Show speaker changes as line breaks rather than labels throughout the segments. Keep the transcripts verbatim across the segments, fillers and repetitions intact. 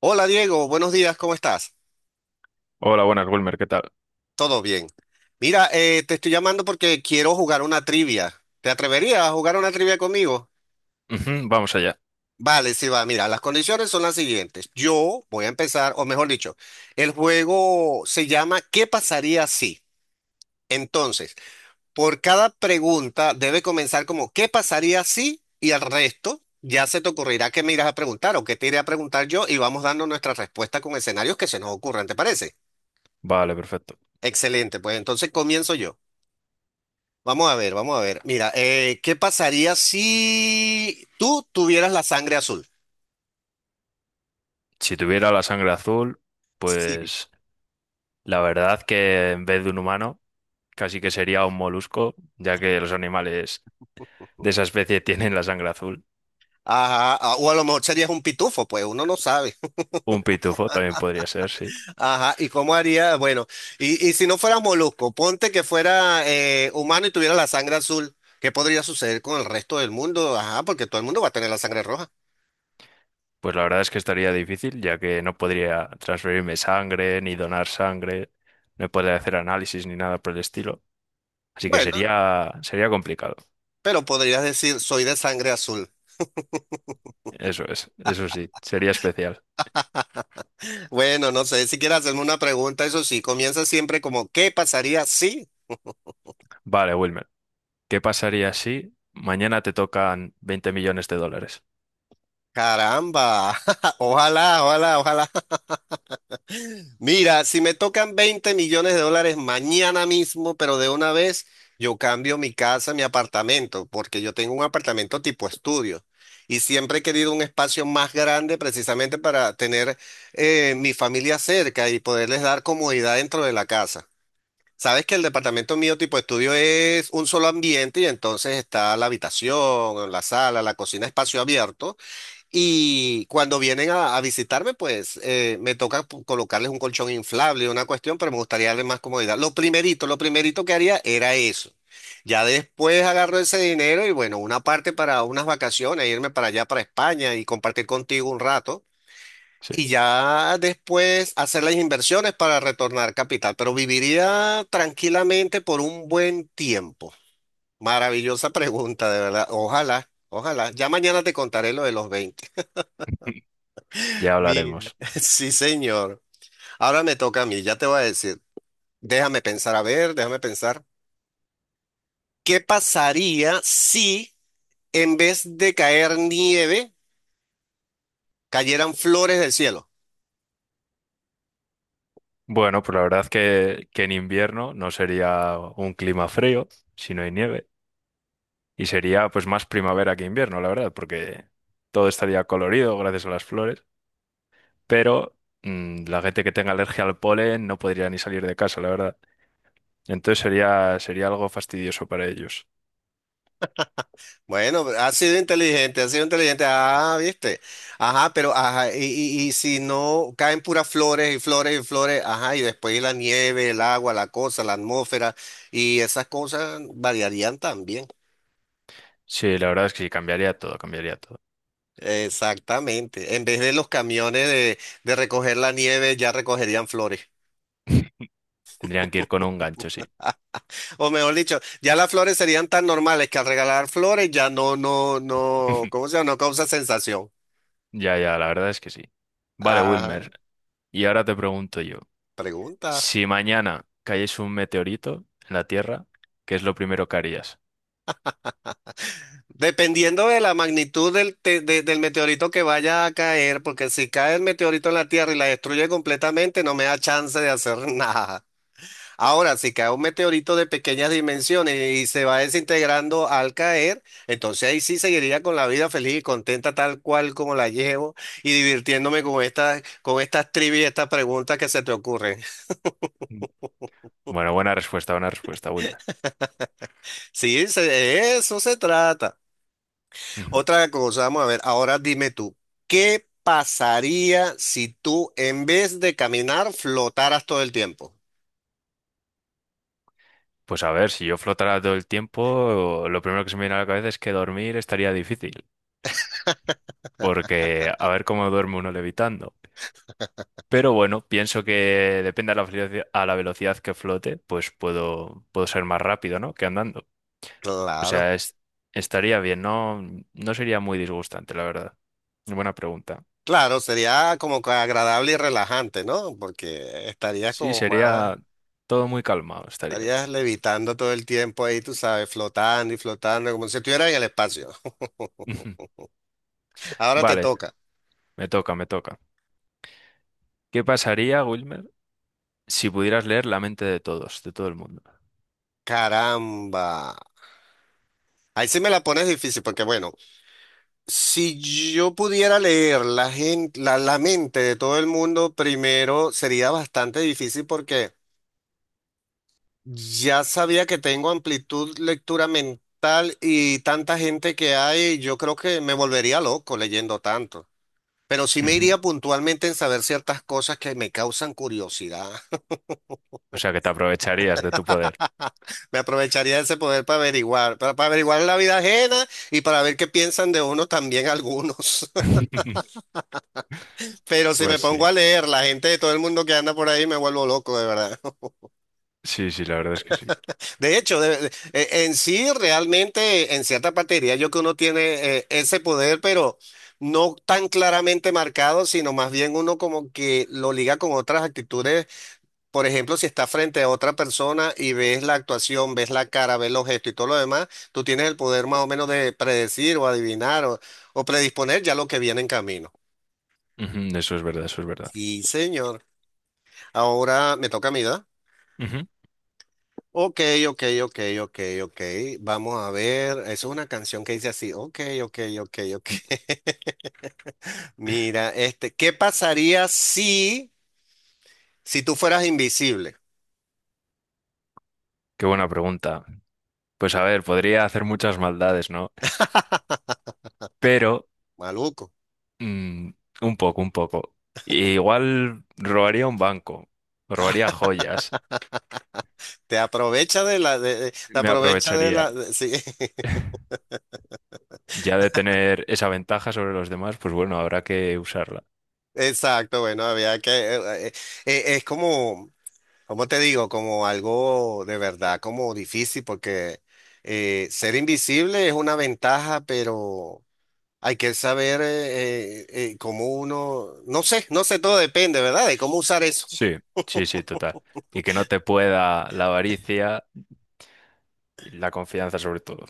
Hola Diego, buenos días, ¿cómo estás?
Hola, buenas, Wilmer, ¿qué tal?
¿Todo bien? Mira, eh, te estoy llamando porque quiero jugar una trivia. ¿Te atreverías a jugar una trivia conmigo?
Ujú, vamos allá.
Vale, sí va. Mira, las condiciones son las siguientes. Yo voy a empezar, o mejor dicho, el juego se llama ¿Qué pasaría si? Entonces, por cada pregunta debe comenzar como ¿qué pasaría si? Y al resto ya se te ocurrirá qué me irás a preguntar o qué te iré a preguntar yo y vamos dando nuestra respuesta con escenarios que se nos ocurran, ¿te parece?
Vale, perfecto.
Excelente, pues entonces comienzo yo. Vamos a ver, vamos a ver. Mira, eh, ¿qué pasaría si tú tuvieras la sangre azul?
Si tuviera la sangre azul,
Sí.
pues la verdad que en vez de un humano, casi que sería un molusco, ya que los animales de esa especie tienen la sangre azul.
Ajá, a- o a lo mejor serías un pitufo, pues uno no sabe.
Un pitufo también podría ser, sí.
Ajá, ¿y cómo haría? Bueno, y, y si no fueras molusco, ponte que fuera eh, humano y tuviera la sangre azul, ¿qué podría suceder con el resto del mundo? Ajá, porque todo el mundo va a tener la sangre roja.
Pues la verdad es que estaría difícil, ya que no podría transferirme sangre, ni donar sangre, no podría hacer análisis ni nada por el estilo. Así que
Bueno,
sería, sería complicado.
pero podrías decir, soy de sangre azul.
Eso es, eso sí, sería especial.
Bueno, no sé, si quieres hacerme una pregunta, eso sí, comienza siempre como, ¿qué pasaría si?
Vale, Wilmer. ¿Qué pasaría si mañana te tocan veinte millones de dólares?
Caramba, ojalá, ojalá, ojalá. Mira, si me tocan veinte millones de dólares mañana mismo, pero de una vez, yo cambio mi casa, mi apartamento, porque yo tengo un apartamento tipo estudio y siempre he querido un espacio más grande precisamente para tener eh, mi familia cerca y poderles dar comodidad dentro de la casa. Sabes que el departamento mío tipo estudio es un solo ambiente y entonces está la habitación, la sala, la cocina, espacio abierto. Y cuando vienen a, a visitarme, pues eh, me toca pu- colocarles un colchón inflable, una cuestión, pero me gustaría darles más comodidad. Lo primerito, lo primerito que haría era eso. Ya después agarro ese dinero y bueno, una parte para unas vacaciones, irme para allá, para España y compartir contigo un rato.
Sí,
Y ya después hacer las inversiones para retornar capital. Pero viviría tranquilamente por un buen tiempo. Maravillosa pregunta, de verdad. Ojalá, ojalá. Ya mañana te contaré lo de los veinte.
ya
Mira.
hablaremos.
Sí, señor. Ahora me toca a mí, ya te voy a decir. Déjame pensar, a ver, déjame pensar. ¿Qué pasaría si en vez de caer nieve, cayeran flores del cielo?
Bueno, pues la verdad que, que en invierno no sería un clima frío, si no hay nieve. Y sería pues más primavera que invierno, la verdad, porque todo estaría colorido gracias a las flores. Pero mm, la gente que tenga alergia al polen no podría ni salir de casa, la verdad. Entonces sería, sería algo fastidioso para ellos.
Bueno, ha sido inteligente, ha sido inteligente. Ah, viste. Ajá, pero ajá, y, y- y si no caen puras flores y flores y flores, ajá, y después la nieve, el agua, la cosa, la atmósfera y esas cosas variarían también.
Sí, la verdad es que sí, cambiaría todo, cambiaría todo.
Exactamente. En vez de los camiones de, de recoger la nieve, ya recogerían flores.
Tendrían que ir con un gancho, sí.
O mejor dicho, ya las flores serían tan normales que al regalar flores ya no, no, no, ¿cómo se llama? No causa sensación.
Ya, ya, la verdad es que sí. Vale,
Ajá,
Wilmer, y ahora te pregunto yo,
pregunta.
si mañana cayese un meteorito en la Tierra, ¿qué es lo primero que harías?
Dependiendo de la magnitud del, te- de- del meteorito que vaya a caer, porque si cae el meteorito en la Tierra y la destruye completamente, no me da chance de hacer nada. Ahora, si cae un meteorito de pequeñas dimensiones y se va desintegrando al caer, entonces ahí sí seguiría con la vida feliz y contenta tal cual como la llevo y divirtiéndome con estas, con estas trivias y estas preguntas que se te ocurren.
Mm. Bueno, buena respuesta, buena respuesta, Wilmer.
Sí, se- de eso se trata.
Ujú.
Otra cosa, vamos a ver, ahora dime tú, ¿qué pasaría si tú en vez de caminar flotaras todo el tiempo?
Pues a ver, si yo flotara todo el tiempo, lo primero que se me viene a la cabeza es que dormir estaría difícil, porque a ver cómo duerme uno levitando. Pero bueno, pienso que depende a la velocidad, a la velocidad que flote, pues puedo, puedo ser más rápido, ¿no? Que andando. O
Claro.
sea, es- estaría bien, no, no sería muy disgustante, la verdad. Buena pregunta.
Claro, sería como que agradable y relajante, ¿no? Porque estarías
Sí,
como más...
sería todo muy calmado, estaría.
Estarías levitando todo el tiempo ahí, tú sabes, flotando y flotando, como si estuvieras en el espacio. Ahora te
Vale,
toca.
me toca, me toca. ¿Qué pasaría, Wilmer, si pudieras leer la mente de todos, de todo el mundo?
Caramba. Ahí sí me la pones difícil, porque bueno, si yo pudiera leer la gente, la, la mente de todo el mundo, primero sería bastante difícil porque ya sabía que tengo amplitud lectura mental y tanta gente que hay, yo creo que me volvería loco leyendo tanto. Pero sí me
Ujú.
iría puntualmente en saber ciertas cosas que me causan curiosidad.
O sea, que te aprovecharías de tu poder.
Me aprovecharía de ese poder para averiguar, para, para averiguar la vida ajena y para ver qué piensan de uno también algunos. Pero si me
Pues
pongo a
sí,
leer la gente de todo el mundo que anda por ahí, me vuelvo loco, de verdad.
sí, sí, la verdad es que sí.
De hecho, de- de- eh, en sí, realmente, en cierta parte diría yo que uno tiene eh, ese poder, pero no tan claramente marcado, sino más bien uno como que lo liga con otras actitudes. Por ejemplo, si estás frente a otra persona y ves la actuación, ves la cara, ves los gestos y todo lo demás, tú tienes el poder más o menos de predecir o adivinar o, o predisponer ya lo que viene en camino.
Ujú, Eso es verdad, eso es verdad.
Sí, señor. Ahora me toca a mí, ¿verdad?
Ujú.
Ok, ok, ok, ok, ok. Vamos a ver. Eso es una canción que dice así. Ok, ok, ok, ok. Mira, este, ¿qué pasaría si, si tú fueras invisible?
Qué buena pregunta. Pues a ver, podría hacer muchas maldades, ¿no? Pero
Maluco.
Mm, un poco, un poco. E Igual robaría un banco, robaría joyas,
te aprovecha de la, de- de- te
me
aprovecha de
aprovecharía.
la, de- sí.
Ya de tener esa ventaja sobre los demás, pues bueno, habrá que usarla.
Exacto, bueno, había que, eh, eh, eh, es como, como te digo, como algo de verdad, como difícil, porque eh, ser invisible es una ventaja, pero hay que saber eh, eh, eh, cómo uno, no sé, no sé, todo depende, ¿verdad? De cómo usar eso.
Sí, sí, sí, total. Y que no te pueda la avaricia y la confianza sobre todo.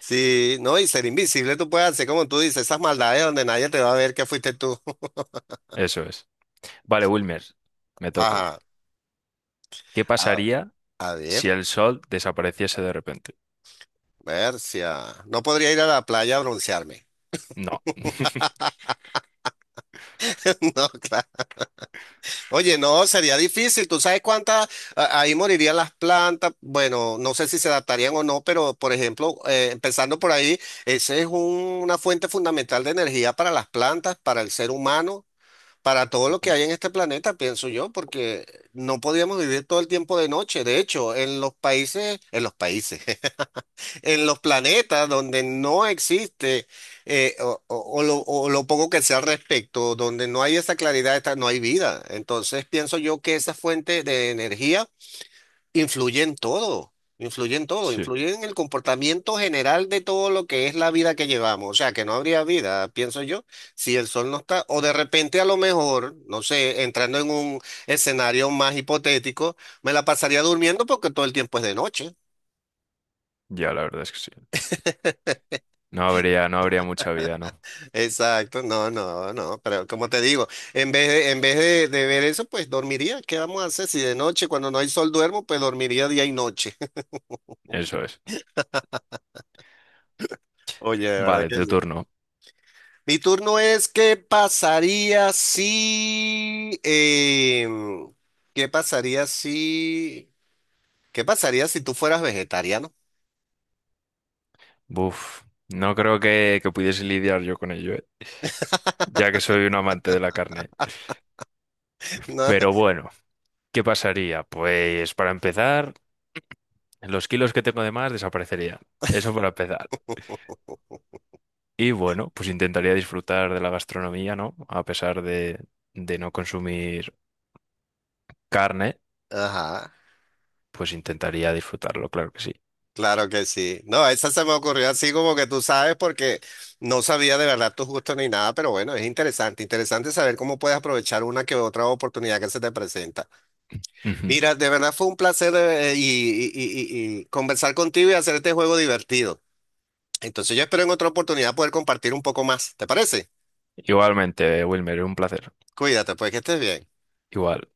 Sí, no, y ser invisible tú puedes hacer, como tú dices, esas maldades donde nadie te va a ver que fuiste tú.
Eso es. Vale, Wilmer, me toca.
Ajá,
¿Qué
a,
pasaría
a
si
ver,
el sol desapareciese de repente?
Bercia, no podría ir a la playa a broncearme.
No.
No, claro. Oye, no, sería difícil. ¿Tú sabes cuántas? a- Ahí morirían las plantas. Bueno, no sé si se adaptarían o no, pero por ejemplo, eh, empezando por ahí, esa es un- una fuente fundamental de energía para las plantas, para el ser humano, para todo lo que
Ujú.
hay en este planeta, pienso yo, porque no podíamos vivir todo el tiempo de noche. De hecho, en los países, en los países, en los planetas donde no existe eh, o, o- o lo, o lo poco que sea al respecto, donde no hay esa claridad, esta- no hay vida. Entonces pienso yo que esa fuente de energía influye en todo, influye en todo,
Sí,
influye en el comportamiento general de todo lo que es la vida que llevamos. O sea, que no habría vida, pienso yo, si el sol no está, o de repente a lo mejor, no sé, entrando en un escenario más hipotético, me la pasaría durmiendo porque todo el tiempo es de noche.
ya la verdad es que sí. No habría, no habría mucha vida, ¿no?
Exacto, no, no, no, pero como te digo, en vez de, en vez de, de ver eso, pues dormiría. ¿Qué vamos a hacer? Si de noche, cuando no hay sol, duermo, pues dormiría día y noche.
Eso es.
Oye, de verdad
Vale,
que
tu
sí.
turno.
Mi turno es, ¿qué pasaría si, em, qué pasaría si, qué pasaría si tú fueras vegetariano?
Buf, no creo que, que pudiese lidiar yo con ello, ¿eh? Ya que soy un amante de la carne. Pero bueno, ¿qué pasaría? Pues para empezar, los kilos que tengo de más desaparecerían. Eso para empezar. Y bueno, pues intentaría disfrutar de la gastronomía, ¿no? A pesar de, de no consumir carne,
No, ajá.
pues intentaría disfrutarlo, claro que sí.
Claro que sí. No, esa se me ocurrió así como que tú sabes porque no sabía de verdad tus gustos ni nada, pero bueno, es interesante, interesante saber cómo puedes aprovechar una que otra oportunidad que se te presenta.
Ujú.
Mira, de verdad fue un placer eh, y, y- y- y- y conversar contigo y hacer este juego divertido. Entonces yo espero en otra oportunidad poder compartir un poco más. ¿Te parece?
Igualmente, Wilmer, un placer.
Cuídate, pues que estés bien.
Igual.